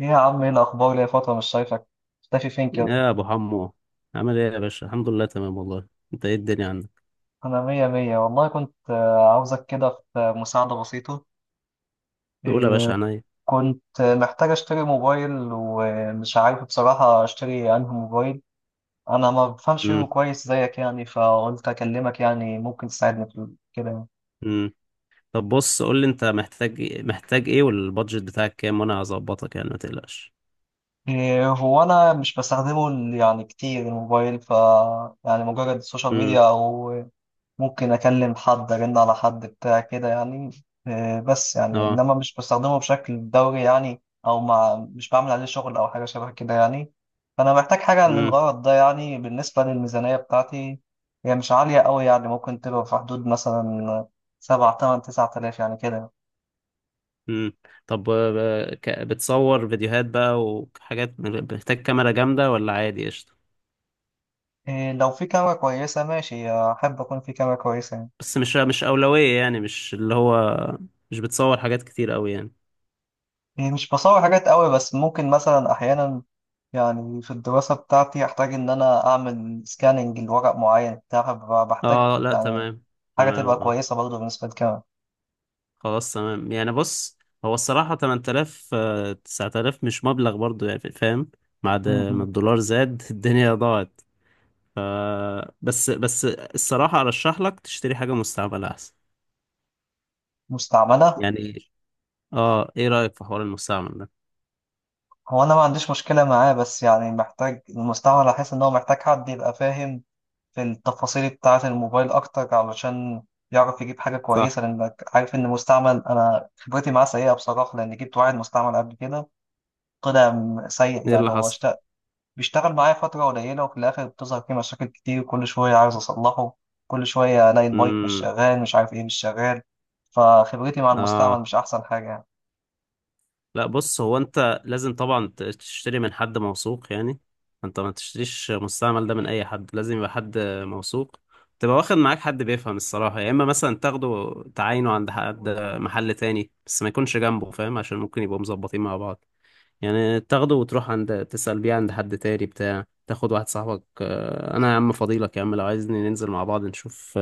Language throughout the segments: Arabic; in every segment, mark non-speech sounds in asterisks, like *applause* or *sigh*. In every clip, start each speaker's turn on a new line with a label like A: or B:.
A: ايه يا عم، ايه الاخبار؟ ليا فتره مش شايفك، مختفي فين كده؟
B: يا ابو حمو، عامل ايه يا باشا؟ الحمد لله تمام والله. انت ايه الدنيا عندك؟
A: انا مية مية والله. كنت عاوزك كده في مساعده بسيطه.
B: نقول يا باشا،
A: إيه،
B: عينيا.
A: كنت محتاج اشتري موبايل، ومش عارف بصراحه اشتري انهي موبايل. انا ما بفهمش فيهم
B: امم
A: كويس زيك يعني، فقلت اكلمك يعني ممكن تساعدني في كده يعني.
B: امم طب بص، قول لي انت محتاج إيه، محتاج ايه، والبادجت بتاعك كام، وانا هظبطك يعني ما تقلقش.
A: هو انا مش بستخدمه يعني كتير الموبايل، ف يعني مجرد السوشيال
B: امم
A: ميديا او ممكن اكلم حد، ارن على حد بتاع كده يعني. بس يعني
B: اه.
A: انما مش بستخدمه بشكل دوري يعني، او مش بعمل عليه شغل او حاجه شبه كده يعني. فانا محتاج حاجه
B: امم
A: للغرض ده يعني. بالنسبه للميزانيه بتاعتي، هي مش عاليه قوي، يعني ممكن تبقى في حدود مثلا 7 8 9 آلاف يعني كده.
B: امم طب بتصور فيديوهات بقى وحاجات، محتاج كاميرا جامدة ولا عادي؟ قشطة.
A: لو في كاميرا كويسه ماشي، احب اكون في كاميرا كويسه يعني.
B: بس مش أولوية يعني، مش اللي هو مش بتصور حاجات كتير قوي يعني.
A: يعني مش بصور حاجات قوي، بس ممكن مثلا أحيانا يعني في الدراسة بتاعتي أحتاج إن أنا أعمل سكاننج لورق معين، بتاع بحتاج
B: اه لا
A: يعني
B: تمام.
A: حاجة تبقى
B: تمام اه.
A: كويسة برضه بالنسبة للكاميرا.
B: خلاص تمام يعني. بص، هو الصراحة 8000 9000 مش مبلغ برضو يعني، فاهم. بعد ما
A: م.
B: الدولار زاد *laughs* الدنيا ضاعت. ف بس الصراحة أرشح لك تشتري حاجة مستعملة أحسن.
A: مستعملة.
B: يعني. اه، ايه رأيك في حوار المستعمل ده؟
A: هو أنا ما عنديش مشكلة معاه، بس يعني محتاج المستعمل، أحس إن هو محتاج حد يبقى فاهم في التفاصيل بتاعة الموبايل أكتر علشان يعرف يجيب حاجة
B: صح.
A: كويسة. لأنك عارف إن مستعمل، أنا خبرتي معاه سيئة بصراحة، لأن جبت واحد مستعمل قبل كده طلع سيء.
B: ايه
A: يعني
B: اللي
A: هو
B: حصل؟
A: بيشتغل معايا فترة قليلة، وفي الآخر بتظهر فيه مشاكل كتير. كل شوية عايز أصلحه، كل شوية ألاقي المايك مش
B: امم
A: شغال، مش عارف إيه مش شغال. فخبرتي مع المستعمل
B: اه
A: مش أحسن حاجة يعني.
B: لا، بص، هو انت لازم طبعا تشتري من حد موثوق يعني. انت ما تشتريش مستعمل ده من اي حد، لازم يبقى حد موثوق. تبقى واخد معاك حد بيفهم الصراحة، يا اما مثلا تاخده تعاينه عند حد، محل تاني، بس ما يكونش جنبه فاهم عشان ممكن يبقوا مظبطين مع بعض. يعني تاخده وتروح عند تسأل بيه عند حد تاني، بتاع تاخد واحد صاحبك، اه، انا يا عم فضيلك يا عم، لو عايزني ننزل مع بعض نشوف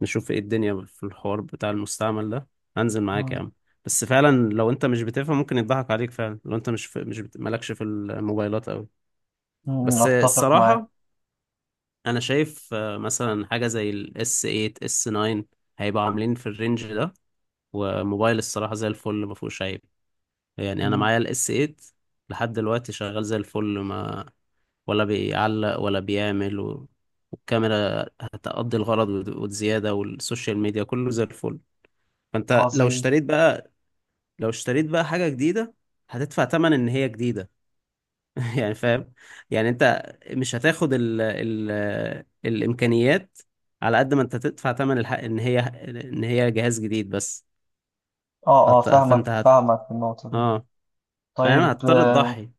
B: نشوف ايه الدنيا في الحوار بتاع المستعمل ده، هنزل معاك يا
A: مم.
B: عم. بس فعلا لو انت مش بتفهم ممكن يضحك عليك فعلا، لو انت مش في مش بت... مالكش في الموبايلات قوي.
A: مم،
B: بس
A: أتفق معاك.
B: الصراحة انا شايف مثلا حاجة زي الاس 8 اس 9، هيبقى عاملين في الرينج ده، وموبايل الصراحة زي الفل ما فيهوش عيب يعني. انا
A: مم.
B: معايا الاس 8 لحد دلوقتي شغال زي الفل، ما ولا بيعلق ولا بيعمل والكاميرا هتقضي الغرض وزيادة، والسوشيال ميديا كله زي الفل. فانت
A: عظيم.
B: لو اشتريت بقى حاجة جديدة، هتدفع تمن ان هي جديدة *laughs* يعني فاهم. يعني انت مش هتاخد ال الامكانيات على قد ما انت تدفع تمن الحق ان هي جهاز جديد، بس
A: آه آه،
B: هت...
A: فاهمك
B: فانت هت...
A: فاهمك في النقطة دي.
B: اه فاهم.
A: طيب
B: هتضطر
A: آه،
B: تضحي.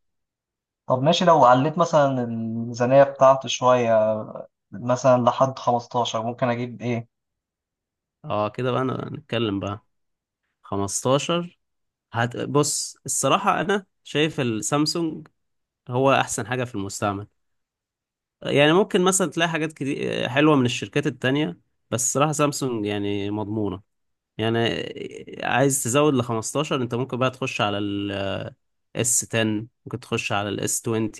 A: طب ماشي. لو عليت مثلا الميزانية بتاعته شوية، مثلا لحد 15، ممكن أجيب إيه؟
B: اه كده بقى، نتكلم بقى. 15، بص الصراحة انا شايف السامسونج هو احسن حاجة في المستعمل. يعني ممكن مثلا تلاقي حاجات كتير حلوة من الشركات التانية، بس الصراحة سامسونج يعني مضمونة يعني. عايز تزود ل 15، انت ممكن بقى تخش على الاس 10، ممكن تخش على الاس 20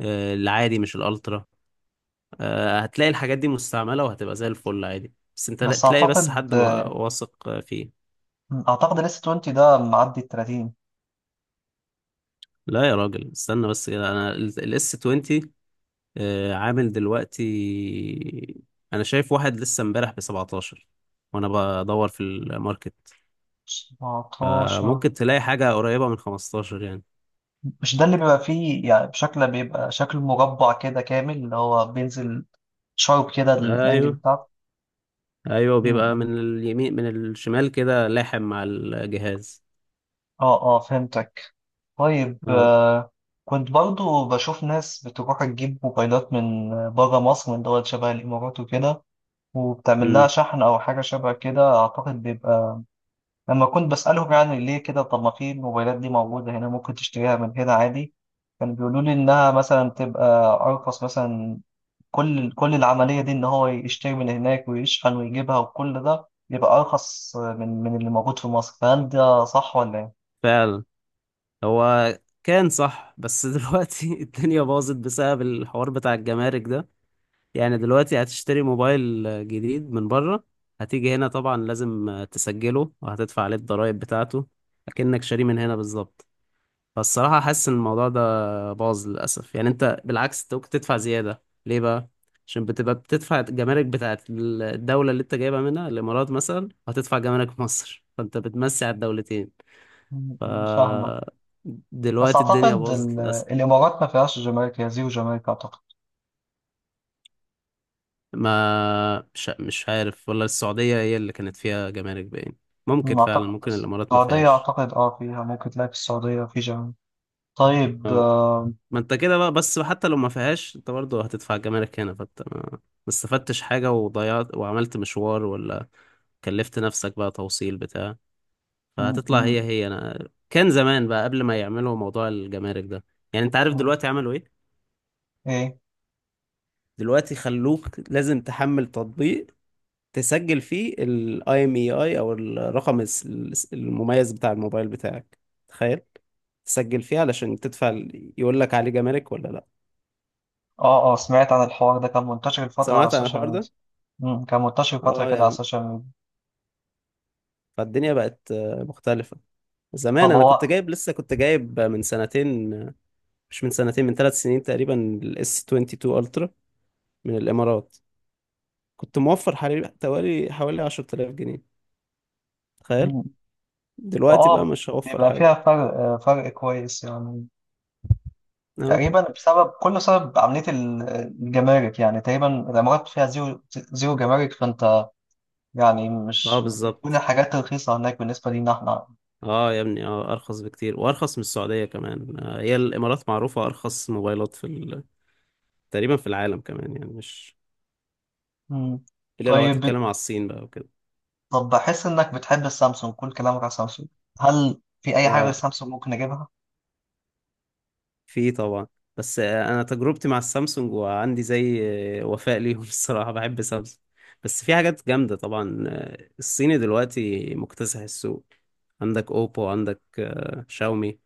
B: العادي مش الالترا، هتلاقي الحاجات دي مستعملة وهتبقى زي الفل عادي، بس انت
A: بس
B: تلاقي بس
A: أعتقد
B: حد
A: آه،
B: واثق فيه.
A: أعتقد ال S20 ده معدي ال 30.
B: لا يا راجل، استنى بس كده. انا الاس 20 عامل دلوقتي، انا شايف واحد لسه امبارح ب 17 وانا بدور في الماركت.
A: 17.
B: فممكن تلاقي حاجة قريبة من 15 يعني.
A: مش ده اللي بيبقى فيه يعني، بشكل بيبقى شكل مربع كده كامل، اللي هو بينزل شارب كده الانجل
B: ايوه.
A: بتاعته.
B: ايوه بيبقى
A: م.
B: من اليمين، من الشمال كده لاحم مع الجهاز.
A: اه اه، فهمتك. طيب
B: اه.
A: آه كنت برضو بشوف ناس بتروح تجيب موبايلات من بره مصر، من دول شبه الامارات وكده، وبتعمل لها
B: امم
A: شحن او حاجه شبه كده. اعتقد بيبقى لما كنت بسالهم يعني ليه كده، طب ما في الموبايلات دي موجوده هنا، ممكن تشتريها من هنا عادي. كانوا بيقولوا لي انها مثلا بتبقى ارخص مثلا. كل العملية دي إن هو يشتري من هناك ويشحن ويجيبها، وكل ده يبقى أرخص من اللي موجود في مصر. فهل ده صح ولا إيه؟
B: فعلا. هو كان صح بس *laughs* دلوقتي الدنيا باظت بسبب الحوار بتاع الجمارك ده. يعني دلوقتي هتشتري موبايل جديد من بره، هتيجي هنا طبعا لازم تسجله وهتدفع عليه الضرايب بتاعته، اكنك شاريه من هنا بالظبط. فالصراحة حاسس إن الموضوع ده باظ للأسف، يعني أنت بالعكس ممكن تدفع زيادة، ليه بقى؟ عشان بتبقى بتدفع الجمارك بتاعت الدولة اللي أنت جايبها منها، الإمارات مثلا، هتدفع جمارك في مصر، فأنت بتمسي على الدولتين.
A: م-
B: ف
A: مش فاهمة. بس
B: دلوقتي الدنيا
A: أعتقد
B: باظت للأسف.
A: الإمارات ما فيهاش جمارك، هي زيرو جمارك أعتقد.
B: ما مش عارف والله، السعودية هي اللي كانت فيها جمارك باين، ممكن
A: م،
B: فعلا
A: أعتقد
B: ممكن الإمارات ما
A: السعودية،
B: فيهاش.
A: أعتقد أه فيها، ممكن تلاقي في السعودية في جمارك. طيب
B: آه.
A: آه،
B: ما انت كده بقى، بس حتى لو ما فيهاش انت برضه هتدفع جمارك هنا، فانت ما استفدتش حاجة وضيعت وعملت مشوار، ولا كلفت نفسك بقى توصيل بتاع،
A: م-
B: فهتطلع هي
A: م-
B: هي انا كان زمان بقى قبل ما يعملوا موضوع الجمارك ده. يعني انت عارف
A: م-
B: دلوقتي عملوا ايه؟
A: إيه؟
B: دلوقتي خلوك لازم تحمل تطبيق، تسجل فيه الاي ام اي اي او الرقم المميز بتاع الموبايل بتاعك، تخيل. تسجل فيه علشان تدفع يقول لك عليه جمارك ولا لا.
A: أه أه، سمعت عن الحوار ده، كان منتشر الفترة على
B: سمعت عن
A: السوشيال
B: الحوار
A: ميديا.
B: ده.
A: م، كان منتشر فترة
B: اه
A: كده
B: يا
A: على
B: عم،
A: السوشيال ميديا.
B: فالدنيا بقت مختلفة. زمان
A: طب
B: انا
A: هو
B: كنت جايب من سنتين، مش من سنتين، من ثلاث سنين تقريبا، الاس 22 الترا من الامارات، كنت موفر حوالي 10,000 جنيه، تخيل. دلوقتي بقى
A: اه،
B: مش هوفر
A: بيبقى
B: حاجة.
A: فيها فرق، فرق كويس يعني،
B: اه.
A: تقريبا بسبب كله. سبب عملية الجمارك يعني، تقريبا الإمارات فيها زيرو زيرو جمارك، فأنت يعني
B: اه
A: مش بتكون
B: بالظبط.
A: الحاجات رخيصة هناك بالنسبة لينا احنا.
B: اه يا ابني، اه ارخص بكتير وارخص من السعودية كمان هي الامارات معروفة ارخص موبايلات في تقريبا في العالم كمان، يعني مش
A: مم.
B: الا لو
A: طيب بت-
B: هتتكلم على الصين بقى وكده.
A: طب بحس إنك بتحب السامسونج، كل كلامك على سامسونج. هل في أي حاجة غير
B: اه
A: سامسونج ممكن أجيبها؟
B: في طبعا، بس انا تجربتي مع السامسونج وعندي زي وفاء ليهم *laughs* الصراحه بحب سامسونج. بس في حاجات جامده طبعا، الصيني دلوقتي مكتسح السوق، عندك اوبو، عندك شاومي،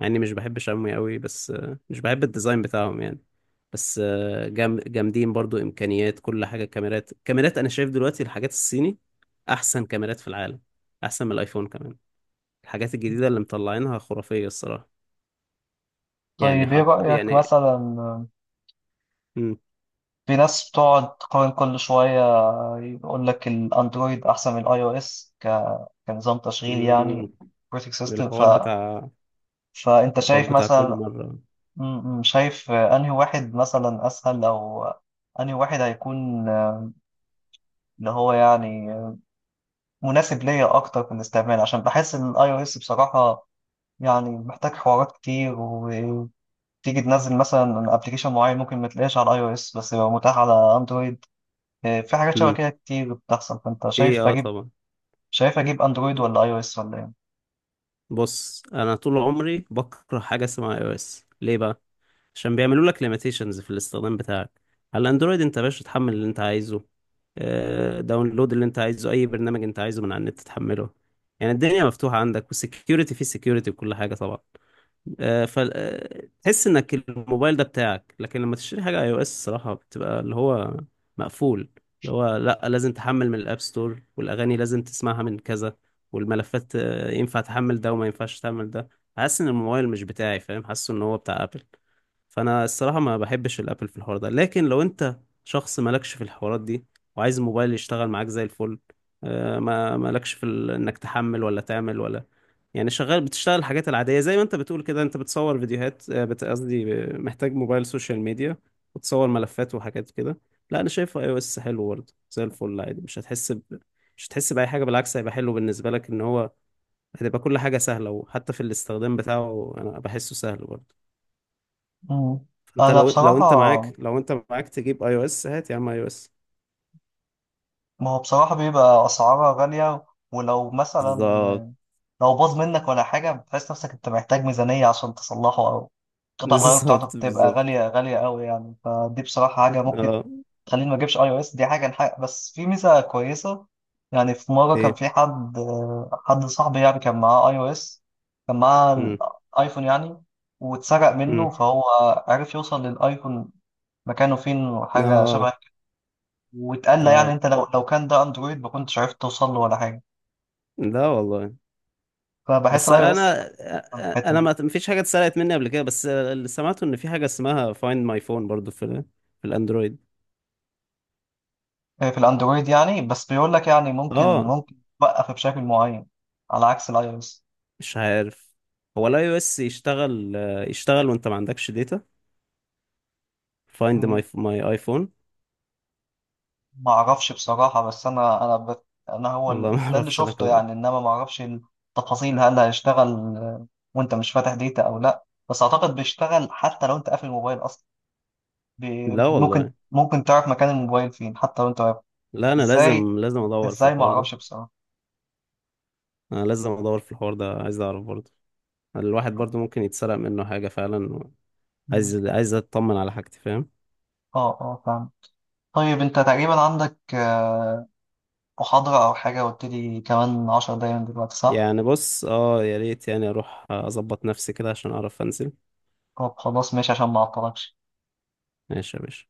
B: مع اني مش بحب شاومي قوي، بس مش بحب الديزاين بتاعهم يعني. بس جامدين برضو امكانيات، كل حاجه، كاميرات. انا شايف دلوقتي الحاجات الصيني احسن كاميرات في العالم، احسن من الايفون كمان، الحاجات الجديده اللي مطلعينها خرافيه الصراحه. يعني
A: طيب إيه رأيك
B: يعني.
A: مثلا؟ في ناس بتقعد تقارن كل شوية، بيقول لك الاندرويد احسن من الاي او اس، كنظام تشغيل يعني،
B: مم.
A: اوبريتنج سيستم،
B: الحوار بتاع
A: فانت
B: الحوار
A: شايف
B: بتاع كل
A: مثلا،
B: مرة.
A: شايف انهي واحد مثلا اسهل، او انهي واحد هيكون اللي هو يعني مناسب ليا اكتر في الاستعمال؟ عشان بحس ان الاي او اس بصراحة يعني محتاج حوارات كتير، وتيجي تنزل مثلا ابلكيشن معين، ممكن ما تلاقيش على الاي او اس بس يبقى متاح على اندرويد. في حاجات شبه
B: مم.
A: كده كتير بتحصل. فانت
B: ايه
A: شايف
B: اه
A: اجيب
B: طبعا.
A: شايف اجيب اندرويد ولا اي او اس ولا ايه؟
B: بص، انا طول عمري بكره حاجة اسمها اي او اس. ليه بقى؟ عشان بيعملوا لك ليميتيشنز في الاستخدام بتاعك. على الاندرويد، انت يا باشا تحمل اللي انت عايزه، داونلود اللي انت عايزه، اي برنامج انت عايزه من على النت تحمله يعني. الدنيا مفتوحة عندك، والسكيورتي فيه سكيورتي وكل حاجة طبعا. فتحس انك الموبايل ده بتاعك. لكن لما تشتري حاجه اي او اس الصراحه بتبقى اللي هو مقفول، اللي هو لا، لازم تحمل من الاب ستور، والاغاني لازم تسمعها من كذا، والملفات ينفع تحمل ده وما ينفعش تحمل ده. حاسس ان الموبايل مش بتاعي، فاهم، حاسس ان هو بتاع ابل. فانا الصراحه ما بحبش الابل في الحوار ده. لكن لو انت شخص مالكش في الحوارات دي، وعايز الموبايل يشتغل معاك زي الفل، ما مالكش في انك تحمل ولا تعمل ولا. يعني شغال، بتشتغل الحاجات العادية، زي ما انت بتقول كده انت بتصور فيديوهات قصدي محتاج موبايل سوشيال ميديا وتصور ملفات وحاجات كده. لا انا شايفه اي او اس حلو برضه زي الفل عادي، مش هتحس بأي حاجة، بالعكس هيبقى حلو بالنسبة لك، ان هو هتبقى كل حاجة سهلة، وحتى في الاستخدام بتاعه انا بحسه سهل برضه.
A: مم.
B: فانت
A: انا
B: لو
A: بصراحة،
B: انت معاك تجيب اي او اس، هات يا عم اي او اس.
A: ما هو بصراحة بيبقى اسعارها غالية. ولو
B: بالظبط.
A: مثلا لو باظ منك ولا حاجة، بتحس نفسك انت محتاج ميزانية عشان تصلحه، او
B: *laughs*
A: قطع الغيار بتاعته
B: بالظبط
A: بتبقى
B: بالظبط.
A: غالية غالية قوي يعني. فدي بصراحة حاجة ممكن
B: اه.
A: تخليني ما اجيبش اي او اس. دي حاجة نحق. بس في ميزة كويسة، يعني في مرة كان
B: ايه.
A: في حد صاحبي يعني كان معاه اي او اس، كان معاه
B: امم
A: الايفون يعني، واتسرق منه.
B: امم
A: فهو عرف يوصل للايفون مكانه فين وحاجة
B: اه
A: شبه. واتقال لي يعني
B: اه
A: انت لو كان ده اندرويد ما كنتش عرفت توصل له ولا حاجه.
B: لا والله.
A: فبحس
B: بس
A: الاي او اس
B: انا
A: احسن في الحته
B: انا
A: دي.
B: ما فيش حاجه اتسرقت مني قبل كده، بس اللي سمعته ان في حاجه اسمها فايند ماي فون برضو في الاندرويد.
A: في الاندرويد يعني، بس بيقول لك يعني ممكن
B: اه
A: ممكن توقف بشكل معين على عكس الاي او اس.
B: مش عارف. هو الاي او اس يشتغل، يشتغل وانت ما عندكش داتا فايند ماي ايفون.
A: ما اعرفش بصراحه. بس انا هو
B: والله *laughs* ما
A: ده اللي
B: اعرفش انا
A: شفته
B: كمان.
A: يعني، انما ما اعرفش التفاصيل هل هيشتغل آه، وانت مش فاتح ديتا او لا. بس اعتقد بيشتغل حتى لو انت قافل الموبايل اصلا. بي...
B: لا
A: بي- ممكن
B: والله.
A: ممكن تعرف مكان الموبايل فين حتى لو انت واقف.
B: لا انا
A: ازاي،
B: لازم ادور في
A: ازاي ما
B: الحوار ده.
A: اعرفش بصراحه.
B: انا لازم ادور في الحوار ده، عايز اعرف برضو، الواحد برضو ممكن يتسرق منه حاجه فعلا، عايز اطمن على حاجتي، فاهم.
A: اه اه، فاهم. طيب انت تقريبا عندك محاضرة او حاجة، قلت لي كمان 10 دقايق من دلوقتي صح؟
B: يعني بص، اه يا ريت يعني اروح اظبط نفسي كده عشان اعرف انزل.
A: طب خلاص ماشي، عشان ما اعطلكش.
B: ماشي يا باشا.